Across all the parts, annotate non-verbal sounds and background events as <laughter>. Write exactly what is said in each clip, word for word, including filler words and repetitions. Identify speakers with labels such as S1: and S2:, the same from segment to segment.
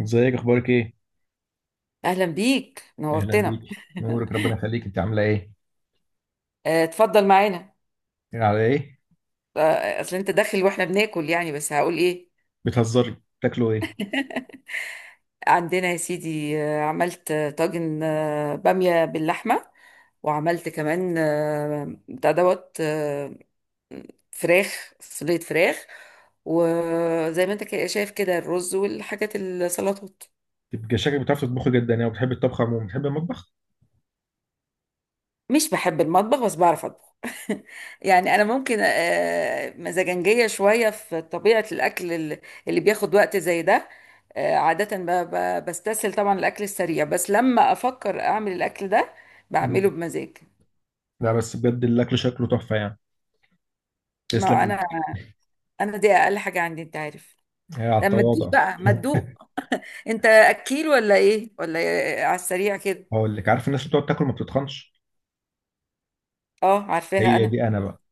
S1: ازيك، اخبارك ايه؟
S2: اهلا بيك،
S1: اهلا
S2: نورتنا.
S1: بيك، نورك، ربنا يخليك، انت عامله ايه؟
S2: آه، اتفضل معانا.
S1: ايه على ايه؟
S2: آه، اصل انت داخل واحنا بناكل، يعني بس هقول ايه.
S1: بتهزري؟ بتاكلوا ايه؟
S2: عندنا يا سيدي، آه، عملت آه، طاجن، آه، بامية باللحمة. وعملت كمان، آه، بتاع دوت، آه، فراخ صينية، فراخ. وزي ما انت كده شايف كده، الرز والحاجات، السلطات.
S1: تبقى شكلك بتعرف تطبخي جدا يعني، وبتحب الطبخ عموما، بتحب المطبخ؟
S2: مش بحب المطبخ بس بعرف اطبخ. <laughs> يعني انا ممكن آه، مزاجنجيه شويه في طبيعه الاكل ال- اللي بياخد وقت زي ده. آه، عاده ب- ب- بستسهل طبعا الاكل السريع، بس لما افكر اعمل الاكل ده
S1: مم.
S2: بعمله بمزاج.
S1: لا بس بجد الاكل شكله تحفه يعني. تسلم
S2: ما انا
S1: ايدك.
S2: انا دي اقل حاجه عندي، انت عارف.
S1: هي على
S2: لما تدوق
S1: التواضع.
S2: بقى ما تدوق. انت اكيل ولا ايه ولا إيه؟ على السريع كده.
S1: <laughs> هقول لك، عارف الناس اللي بتقعد تاكل ما بتتخنش؟
S2: اه، عارفاها
S1: هي
S2: انا.
S1: دي انا بقى.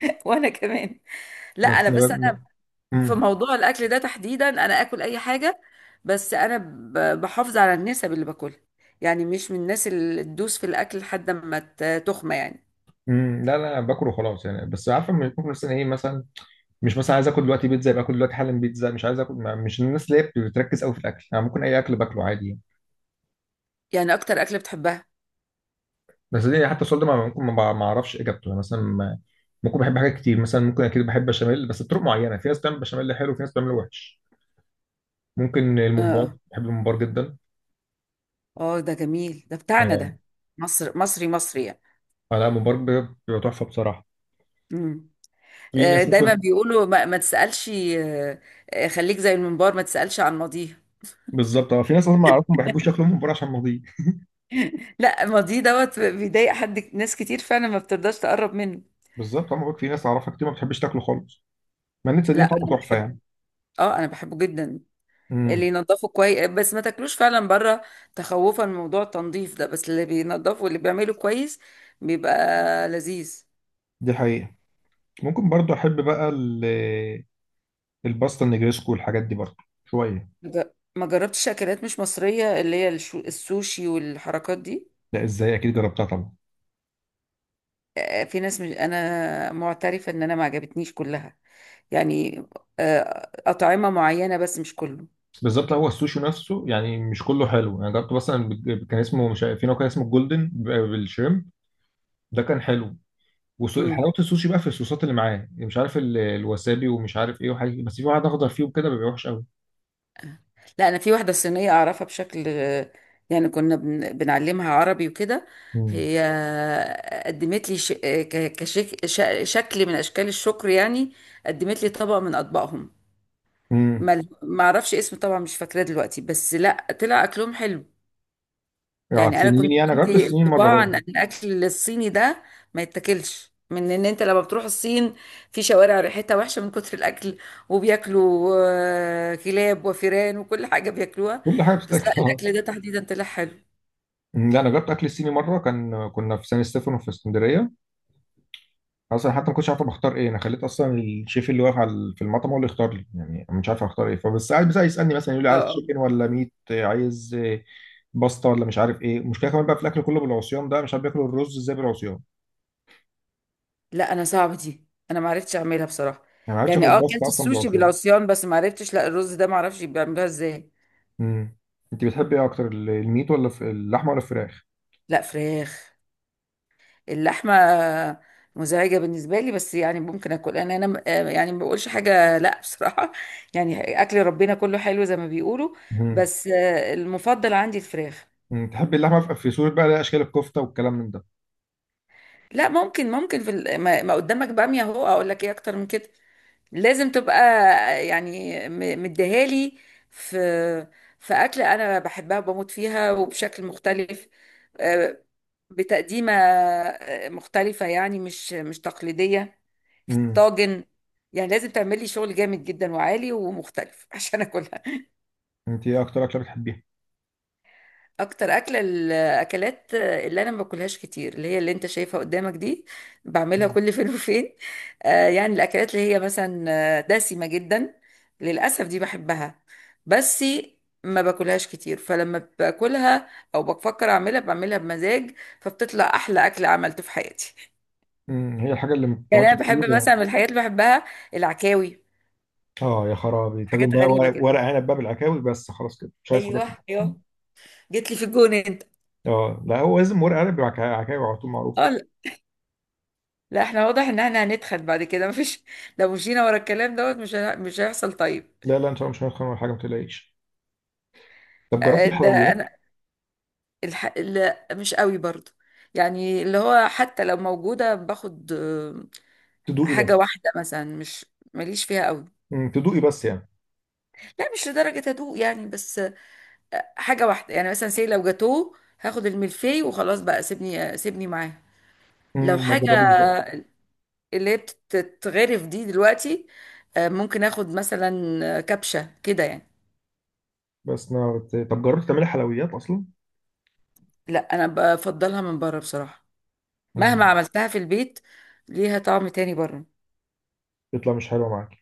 S2: <laughs> وانا كمان. لا
S1: بس
S2: انا
S1: انا
S2: بس،
S1: بقى.
S2: في
S1: مم.
S2: موضوع الاكل ده تحديدا انا اكل اي حاجه، بس انا ب- بحافظ على النسب اللي باكلها. يعني مش من الناس اللي تدوس في الاكل لحد ما ت- تخمى يعني.
S1: مم. لا لا، أنا باكل وخلاص يعني، بس عارفه لما يكون مثلا ايه، مثلا مش مثلا عايز اكل دلوقتي بيتزا يبقى اكل دلوقتي حالا بيتزا، مش عايز اكل ما- مش الناس اللي هي بتركز قوي في الاكل يعني، ممكن اي اكل باكله عادي يعني.
S2: يعني اكتر اكل بتحبها؟
S1: بس دي حتى السؤال ده ما- ممكن ما بع- ما اعرفش اجابته يعني، مثلا ما- ممكن بحب حاجات كتير، مثلا ممكن اكيد بحب بشاميل بس بطرق معينه، في ناس بتعمل بشاميل حلو وفي ناس بتعمله وحش. ممكن
S2: اه،
S1: الممبار،
S2: اه،
S1: بحب الممبار جدا.
S2: آه، ده جميل، ده بتاعنا
S1: اه.
S2: ده. مصر، مصري مصري يعني.
S1: آه، لا الممبار بيبقى بيبقى تحفه بصراحه.
S2: مم.
S1: في
S2: آه،
S1: ناس
S2: دايما
S1: ممكن.
S2: بيقولوا ما, ما تسالش، آه، آه، خليك زي المنبار ما تسالش عن ماضيه.
S1: بالظبط، اه في ناس اصلا ما اعرفهم ما بيحبوش ياكلوا الممبار عشان ماضيه.
S2: لا، ماضيه دوت بيضايق حد، ناس كتير فعلا ما بترضاش تقرب منه.
S1: بالظبط، انا بقول في ناس اعرفها كتير ما بتحبش تاكله خالص، مع ان دي
S2: لا
S1: طعمه
S2: انا
S1: تحفه
S2: بحب،
S1: يعني.
S2: اه انا بحبه جدا. اللي
S1: امم.
S2: ينضفوا كويس، بس ما تاكلوش فعلا بره، تخوفا من موضوع التنظيف ده. بس اللي بينضفوا، اللي بيعمله كويس، بيبقى لذيذ.
S1: دي حقيقه. ممكن برضو احب بقى ال- الباستا النجريسكو والحاجات دي برضو شويه.
S2: مج- ما جربتش اكلات مش مصرية، اللي هي الشو- السوشي والحركات دي.
S1: لا ازاي، اكيد جربتها طبعا.
S2: آه، في ناس، مش انا، معترفة ان انا ما عجبتنيش كلها يعني. آه، اطعمة معينة، بس مش كله.
S1: بالظبط، هو السوشي نفسه يعني مش كله حلو، انا جربت مثلا بج- كان اسمه مش عارف- في نوع كان اسمه الجولدن ب- بالشريمب، ده كان حلو.
S2: مم.
S1: وحلاوه السوشي بقى في الصوصات اللي معاه، مش عارف ال- الوسابي ومش عارف ايه وحاجه، بس في واحد اخضر فيه وكده بيبقى وحش قوي.
S2: لا، انا في واحده صينيه اعرفها بشكل. يعني كنا بن- بنعلمها عربي وكده.
S1: مم.
S2: هي قدمت لي ش... ك- كشك... ش... شكل من اشكال الشكر يعني. قدمت لي طبق من اطباقهم،
S1: امم.
S2: ما ما اعرفش اسم طبعا، مش فاكراه دلوقتي. بس لا، طلع اكلهم حلو.
S1: على
S2: يعني انا
S1: السنين
S2: كنت
S1: يعني، أنا جربت
S2: عندي
S1: السنين مره
S2: انطباع
S1: برضه.
S2: ان الاكل الصيني ده ما يتاكلش، من ان انت لما بتروح الصين، في شوارع ريحتها وحشه من كتر الاكل. وبياكلوا آه، كلاب وفيران وكل حاجه بياكلوها.
S1: كل حاجه
S2: بس لا،
S1: بتتاكل. <laughs> اه.
S2: الاكل ده تحديدا طلع حلو.
S1: أمم، لا انا جربت اكل الصيني مره، كان كنا في سان ستيفانو في اسكندريه، اصلا حتى ما كنتش عارف أنا بختار ايه، انا خليت اصلا الشيف اللي واقف على في المطعم هو اللي يختار لي يعني، أنا مش عارف اختار ايه، فبس قاعد بس يسالني مثلا يقول لي
S2: اه.
S1: عايز
S2: آه.
S1: تشيكن ولا ميت، عايز آه، باستا ولا مش عارف ايه. المشكله كمان بقى في الاكل كله بالعصيان ده، مش عارف بياكلوا الرز ازاي بالعصيان.
S2: لا انا صعبه دي، انا ما عرفتش اعملها بصراحه.
S1: يعني ما عرفتش اكل
S2: يعني اه،
S1: الباستا
S2: اكلت
S1: اصلا
S2: السوشي
S1: بالعصيان.
S2: بالعصيان، بس ما عرفتش لا. الرز ده ما اعرفش بيعملوها ازاي.
S1: امم. انت بتحبي ايه اكتر، ال- الميت ولا في اللحمه ولا الفراخ؟
S2: لا، فراخ. اللحمة مزعجة بالنسبة لي، بس يعني ممكن أكل. أنا أنا م- آه يعني ما بقولش حاجة، لأ بصراحة. <laughs> يعني أكل ربنا كله حلو زي ما بيقولوا.
S1: امم.
S2: بس آه، المفضل عندي الفراخ.
S1: أمم. تحبي اللحمه في في صوره بقى ليها اشكال، الكفته والكلام من ده؟
S2: لا، ممكن ممكن في ال- ما ما قدامك بامية أهو، أقول لك إيه أكتر من كده؟ لازم تبقى يعني، م- مديهالي. في في أكلة أنا بحبها وبموت فيها، وبشكل مختلف. آه، بتقديمة آه، مختلفة، يعني مش مش تقليدية، في
S1: امم.
S2: الطاجن. يعني لازم تعملي شغل جامد جدا وعالي ومختلف <laughs> عشان أكلها.
S1: انت ايه اكتر اكله بتحبيها؟
S2: اكتر اكله الاكلات اللي انا ما باكلهاش كتير، اللي هي اللي انت شايفها قدامك دي. بعملها كل <laughs> فين وفين. آه يعني الاكلات اللي هي مثلا آه، دسمه جدا. للاسف دي بحبها، بس ما باكلهاش كتير. فلما باكلها او بفكر اعملها، بعملها بمزاج، فبتطلع احلى اكل عملته في حياتي.
S1: امم هي الحاجه اللي ما
S2: <laughs> يعني
S1: بتتعملش
S2: انا
S1: كتير.
S2: بحب مثلا، من الحاجات اللي بحبها، العكاوي.
S1: اه يا خرابي، تاكل
S2: حاجات
S1: بقى
S2: غريبه
S1: ورق
S2: كده.
S1: ورق عنب بقى بالعكاوي، بس خلاص كده مش عايز حاجات
S2: ايوه،
S1: تانية.
S2: ايوه، جيت لي في الجون انت.
S1: اه لا هو لازم ورق عنب بالعكاوي، عكاوي على طول معروف.
S2: اه، لا احنا واضح ان احنا هنتخن بعد كده. <laughs> مفيش. لو مشينا ورا الكلام دوت مش هن- مش هيحصل طيب.
S1: لا لا، ان شاء الله مش هنخن ولا حاجه، ما تقلقيش. طب جربت
S2: آه، ده
S1: الحلويات؟
S2: انا، الح... لا مش قوي برضو. يعني اللي هو حتى لو موجودة باخد آه،
S1: تدوقي
S2: حاجة
S1: بس.
S2: واحدة مثلا، مش ماليش فيها قوي.
S1: امم تدوقي بس يعني.
S2: لا مش لدرجة هدوء يعني، بس آه، حاجة واحدة يعني. مثلا سي لو جاتوه هاخد الملفي وخلاص بقى، سيبني آه، سيبني معاه. لو
S1: امم ما
S2: حاجة
S1: تجربيش بقى.
S2: اللي هي بتتغرف دي دلوقتي، آه، ممكن اخد مثلا آه، كبشة كده يعني.
S1: بس ما بت... طب جربت تعملي حلويات اصلا؟
S2: لا، انا بفضلها من بره بصراحة. مهما
S1: امم
S2: عملتها في البيت، ليها طعم تاني بره.
S1: تطلع مش حلوه معاك؟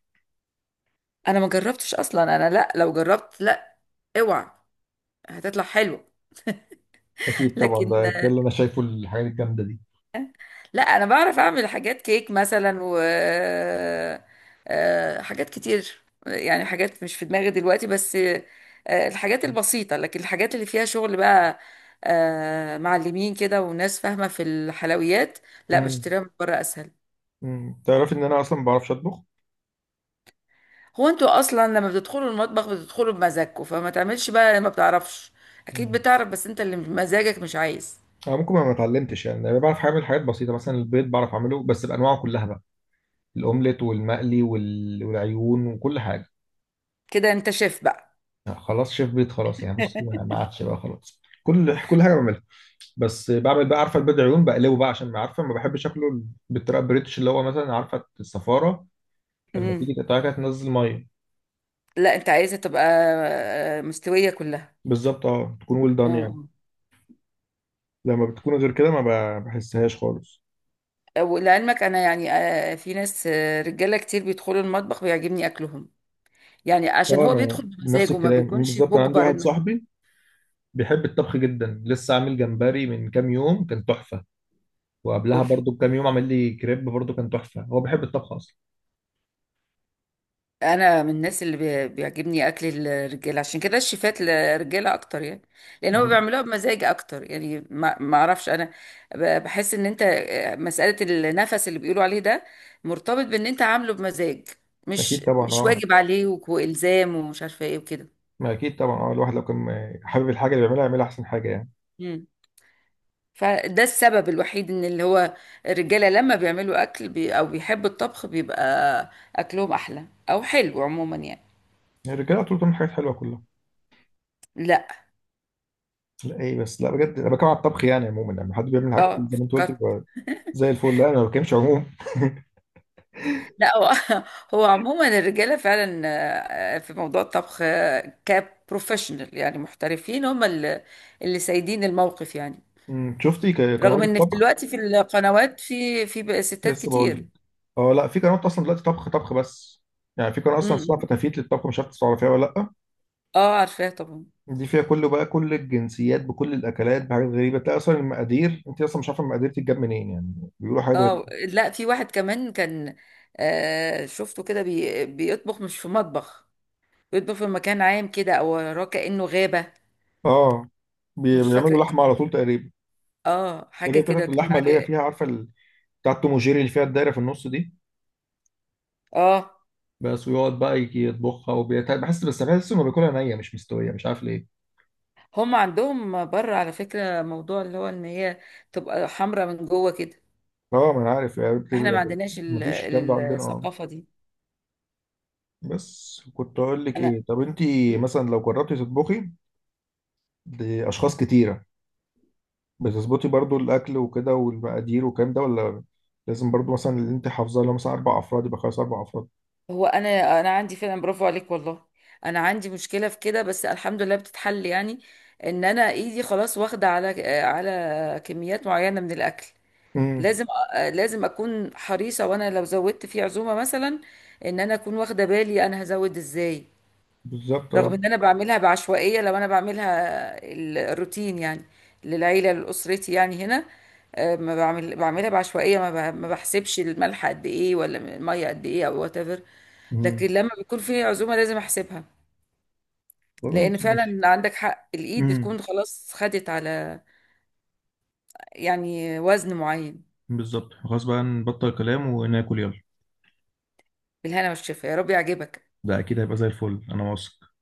S2: انا ما جربتش اصلا انا. لا، لو جربت، لا، اوعى، هتطلع حلوه. <laughs>
S1: اكيد طبعا،
S2: لكن
S1: ده كل اللي انا شايفه الحاجات الجامده دي.
S2: لا، انا بعرف اعمل حاجات كيك مثلا، و آه، حاجات كتير يعني. حاجات مش في دماغي دلوقتي، بس آه، الحاجات البسيطه. لكن الحاجات اللي فيها شغل بقى، آه، معلمين كده وناس فاهمه في الحلويات، لا
S1: امم
S2: بشتريها من بره اسهل.
S1: امم تعرف ان انا اصلا ما بعرفش اطبخ.
S2: هو انتوا اصلا لما بتدخلوا المطبخ بتدخلوا بمزاجكم، فما تعملش بقى لما بتعرفش. اكيد
S1: امم
S2: بتعرف، بس انت اللي مزاجك مش عايز.
S1: انا ممكن ما ما اتعلمتش يعني، انا بعرف اعمل حاجات بسيطه مثلا البيض بعرف اعمله بس بانواعه كلها بقى. الاومليت والمقلي وال- والعيون وكل حاجه.
S2: كده انت شيف بقى.
S1: خلاص شيف بيت خلاص يعني، بص ما ما
S2: <laughs>
S1: عادش بقى خلاص، كل كل حاجه بعملها. بس بعمل بقى عارفه البيض عيون بقلبه بقى عشان ما عارفه ما بحبش اكله بالطريقه البريتش، اللي هو مثلا عارفه الصفاره لما
S2: امم.
S1: تيجي تقطعها كده تنزل ميه.
S2: لا انت عايزه تبقى آه، مستويه كلها.
S1: بالظبط اه، تكون ويل دان يعني.
S2: اه.
S1: لما بتكون غير كده، ما ب- بحسهاش خالص.
S2: آه. ولعلمك انا يعني، آه، في ناس، آه، رجاله كتير بيدخلوا المطبخ بيعجبني اكلهم. يعني عشان
S1: اه
S2: هو
S1: انا
S2: بيدخل
S1: نفس
S2: بمزاجه، ما
S1: الكلام
S2: بيكونش
S1: بالظبط، انا عندي
S2: مجبر
S1: واحد
S2: انه.
S1: صاحبي بيحب الطبخ جدا، لسه عامل جمبري من كام يوم كان تحفه، وقبلها
S2: اوف.
S1: برضو بكام يوم عمل لي كريب برضو كان تحفه، هو بيحب الطبخ اصلا.
S2: انا من الناس اللي بي- بيعجبني اكل الرجاله، عشان كده الشيفات الرجاله اكتر يعني. لان هم بيعملوها بمزاج اكتر. يعني ما ما اعرفش انا، ب- بحس ان انت آه، مساله النفس اللي بيقولوا عليه ده مرتبط بان انت عامله بمزاج،
S1: اكيد
S2: مش
S1: طبعا
S2: مش
S1: اه،
S2: واجب عليه وك- والزام ومش عارفه ايه وكده.
S1: ما اكيد طبعا اه الواحد لو كان حابب الحاجه اللي بيعملها يعملها احسن حاجه يعني.
S2: مم. فده السبب الوحيد، ان اللي هو الرجاله لما بيعملوا اكل بي او بيحبوا الطبخ، بيبقى اكلهم احلى او حلو عموما يعني.
S1: يعني الرجاله طول بتعمل حاجات حلوه كلها.
S2: لا.
S1: لا ايه بس، لا بجد انا بتكلم على الطبخ يعني عموما، لما حد بيعمل حاجه
S2: اه
S1: زي ما انت قلت
S2: افتكرت.
S1: بيبقى زي الفل. لا انا ما بتكلمش عموما.
S2: لا هو <laughs> هو عموما الرجاله فعلا آه، في موضوع الطبخ آه، كبروفيشنال، يعني محترفين، هم اللي اللي سايدين الموقف يعني.
S1: أمم، شفتي ك-
S2: رغم
S1: قنوات
S2: ان في
S1: الطبخ؟
S2: دلوقتي في القنوات، في في بقى ستات
S1: لسه بقول لك.
S2: كتير.
S1: اه لا في قنوات اصلا دلوقتي طبخ طبخ بس. يعني في قناه اصلا
S2: امم.
S1: اسمها فتافيت للطبخ، مش عارف تعرفيها ولا لا.
S2: اه، عارفاه طبعا.
S1: دي فيها كله بقى، كل الجنسيات بكل الاكلات بحاجات غريبه، تلاقي اصلا المقادير، انت اصلا مش عارفه المقادير تتجاب منين يعني. بيقولوا حاجات.
S2: اه لا، في واحد كمان كان، آه شفته كده، بي بيطبخ مش في مطبخ. بيطبخ في مكان عام كده، او وراه كأنه غابة.
S1: اه بي-
S2: مش فاكرة
S1: بيعملوا لحمه على
S2: اسمه،
S1: طول تقريبا.
S2: اه
S1: ده
S2: حاجة
S1: جايب
S2: كده
S1: قطعه
S2: كان
S1: اللحمه اللي هي
S2: عليه.
S1: فيها، عارفه ال- بتاعه توم وجيري اللي فيها الدايره في النص دي.
S2: اه
S1: بس ويقعد بقى يجي يطبخها، وبيت... بحس، بس بحس انه بياكلها نيه مش مستويه، مش عارف ليه.
S2: هم عندهم بره، على فكرة، موضوع اللي هو ان هي تبقى حمرا من جوه كده.
S1: اه ما انا عارف يعني،
S2: احنا ما
S1: بتبقى-
S2: عندناش ال-
S1: مفيش الكلام ده
S2: ال-
S1: عندنا اه.
S2: الثقافة دي.
S1: بس كنت اقول لك
S2: انا.
S1: ايه، طب انت
S2: مم.
S1: مثلا لو جربتي تطبخي لاشخاص كتيره، بتظبطي برضو الاكل وكده والمقادير والكلام ده، ولا لازم برضو مثلا اللي انت حافظاه لو مثلا اربع افراد يبقى خلاص اربع افراد؟
S2: هو انا انا عندي فعلا، برافو عليك والله. انا عندي مشكلة في كده، بس الحمد لله بتتحل يعني. ان انا ايدي خلاص واخدة على على كميات معينة من الاكل.
S1: امم.
S2: لازم أ- لازم اكون حريصة. وانا لو زودت في عزومة مثلا، ان انا اكون واخدة بالي انا هزود ازاي.
S1: بالظبط اه.
S2: رغم ان انا بعملها بعشوائيه. لو انا بعملها ال- الروتين يعني، للعيله لاسرتي يعني هنا، آه، ما بعمل بعملها بعشوائيه، ما ب- ما بحسبش الملح قد ايه ولا الميه قد ايه، او وات ايفر. لكن
S1: امم
S2: لما بيكون في عزومه لازم احسبها.
S1: خلاص
S2: لان
S1: ماشي.
S2: فعلا عندك حق، الايد
S1: امم
S2: بتكون خلاص خدت على يعني وزن معين.
S1: بالظبط، خلاص بقى نبطل كلام وناكل يلا.
S2: بالهنا والشفا، يا رب يعجبك.
S1: ده اكيد هيبقى زي الفل انا واثق.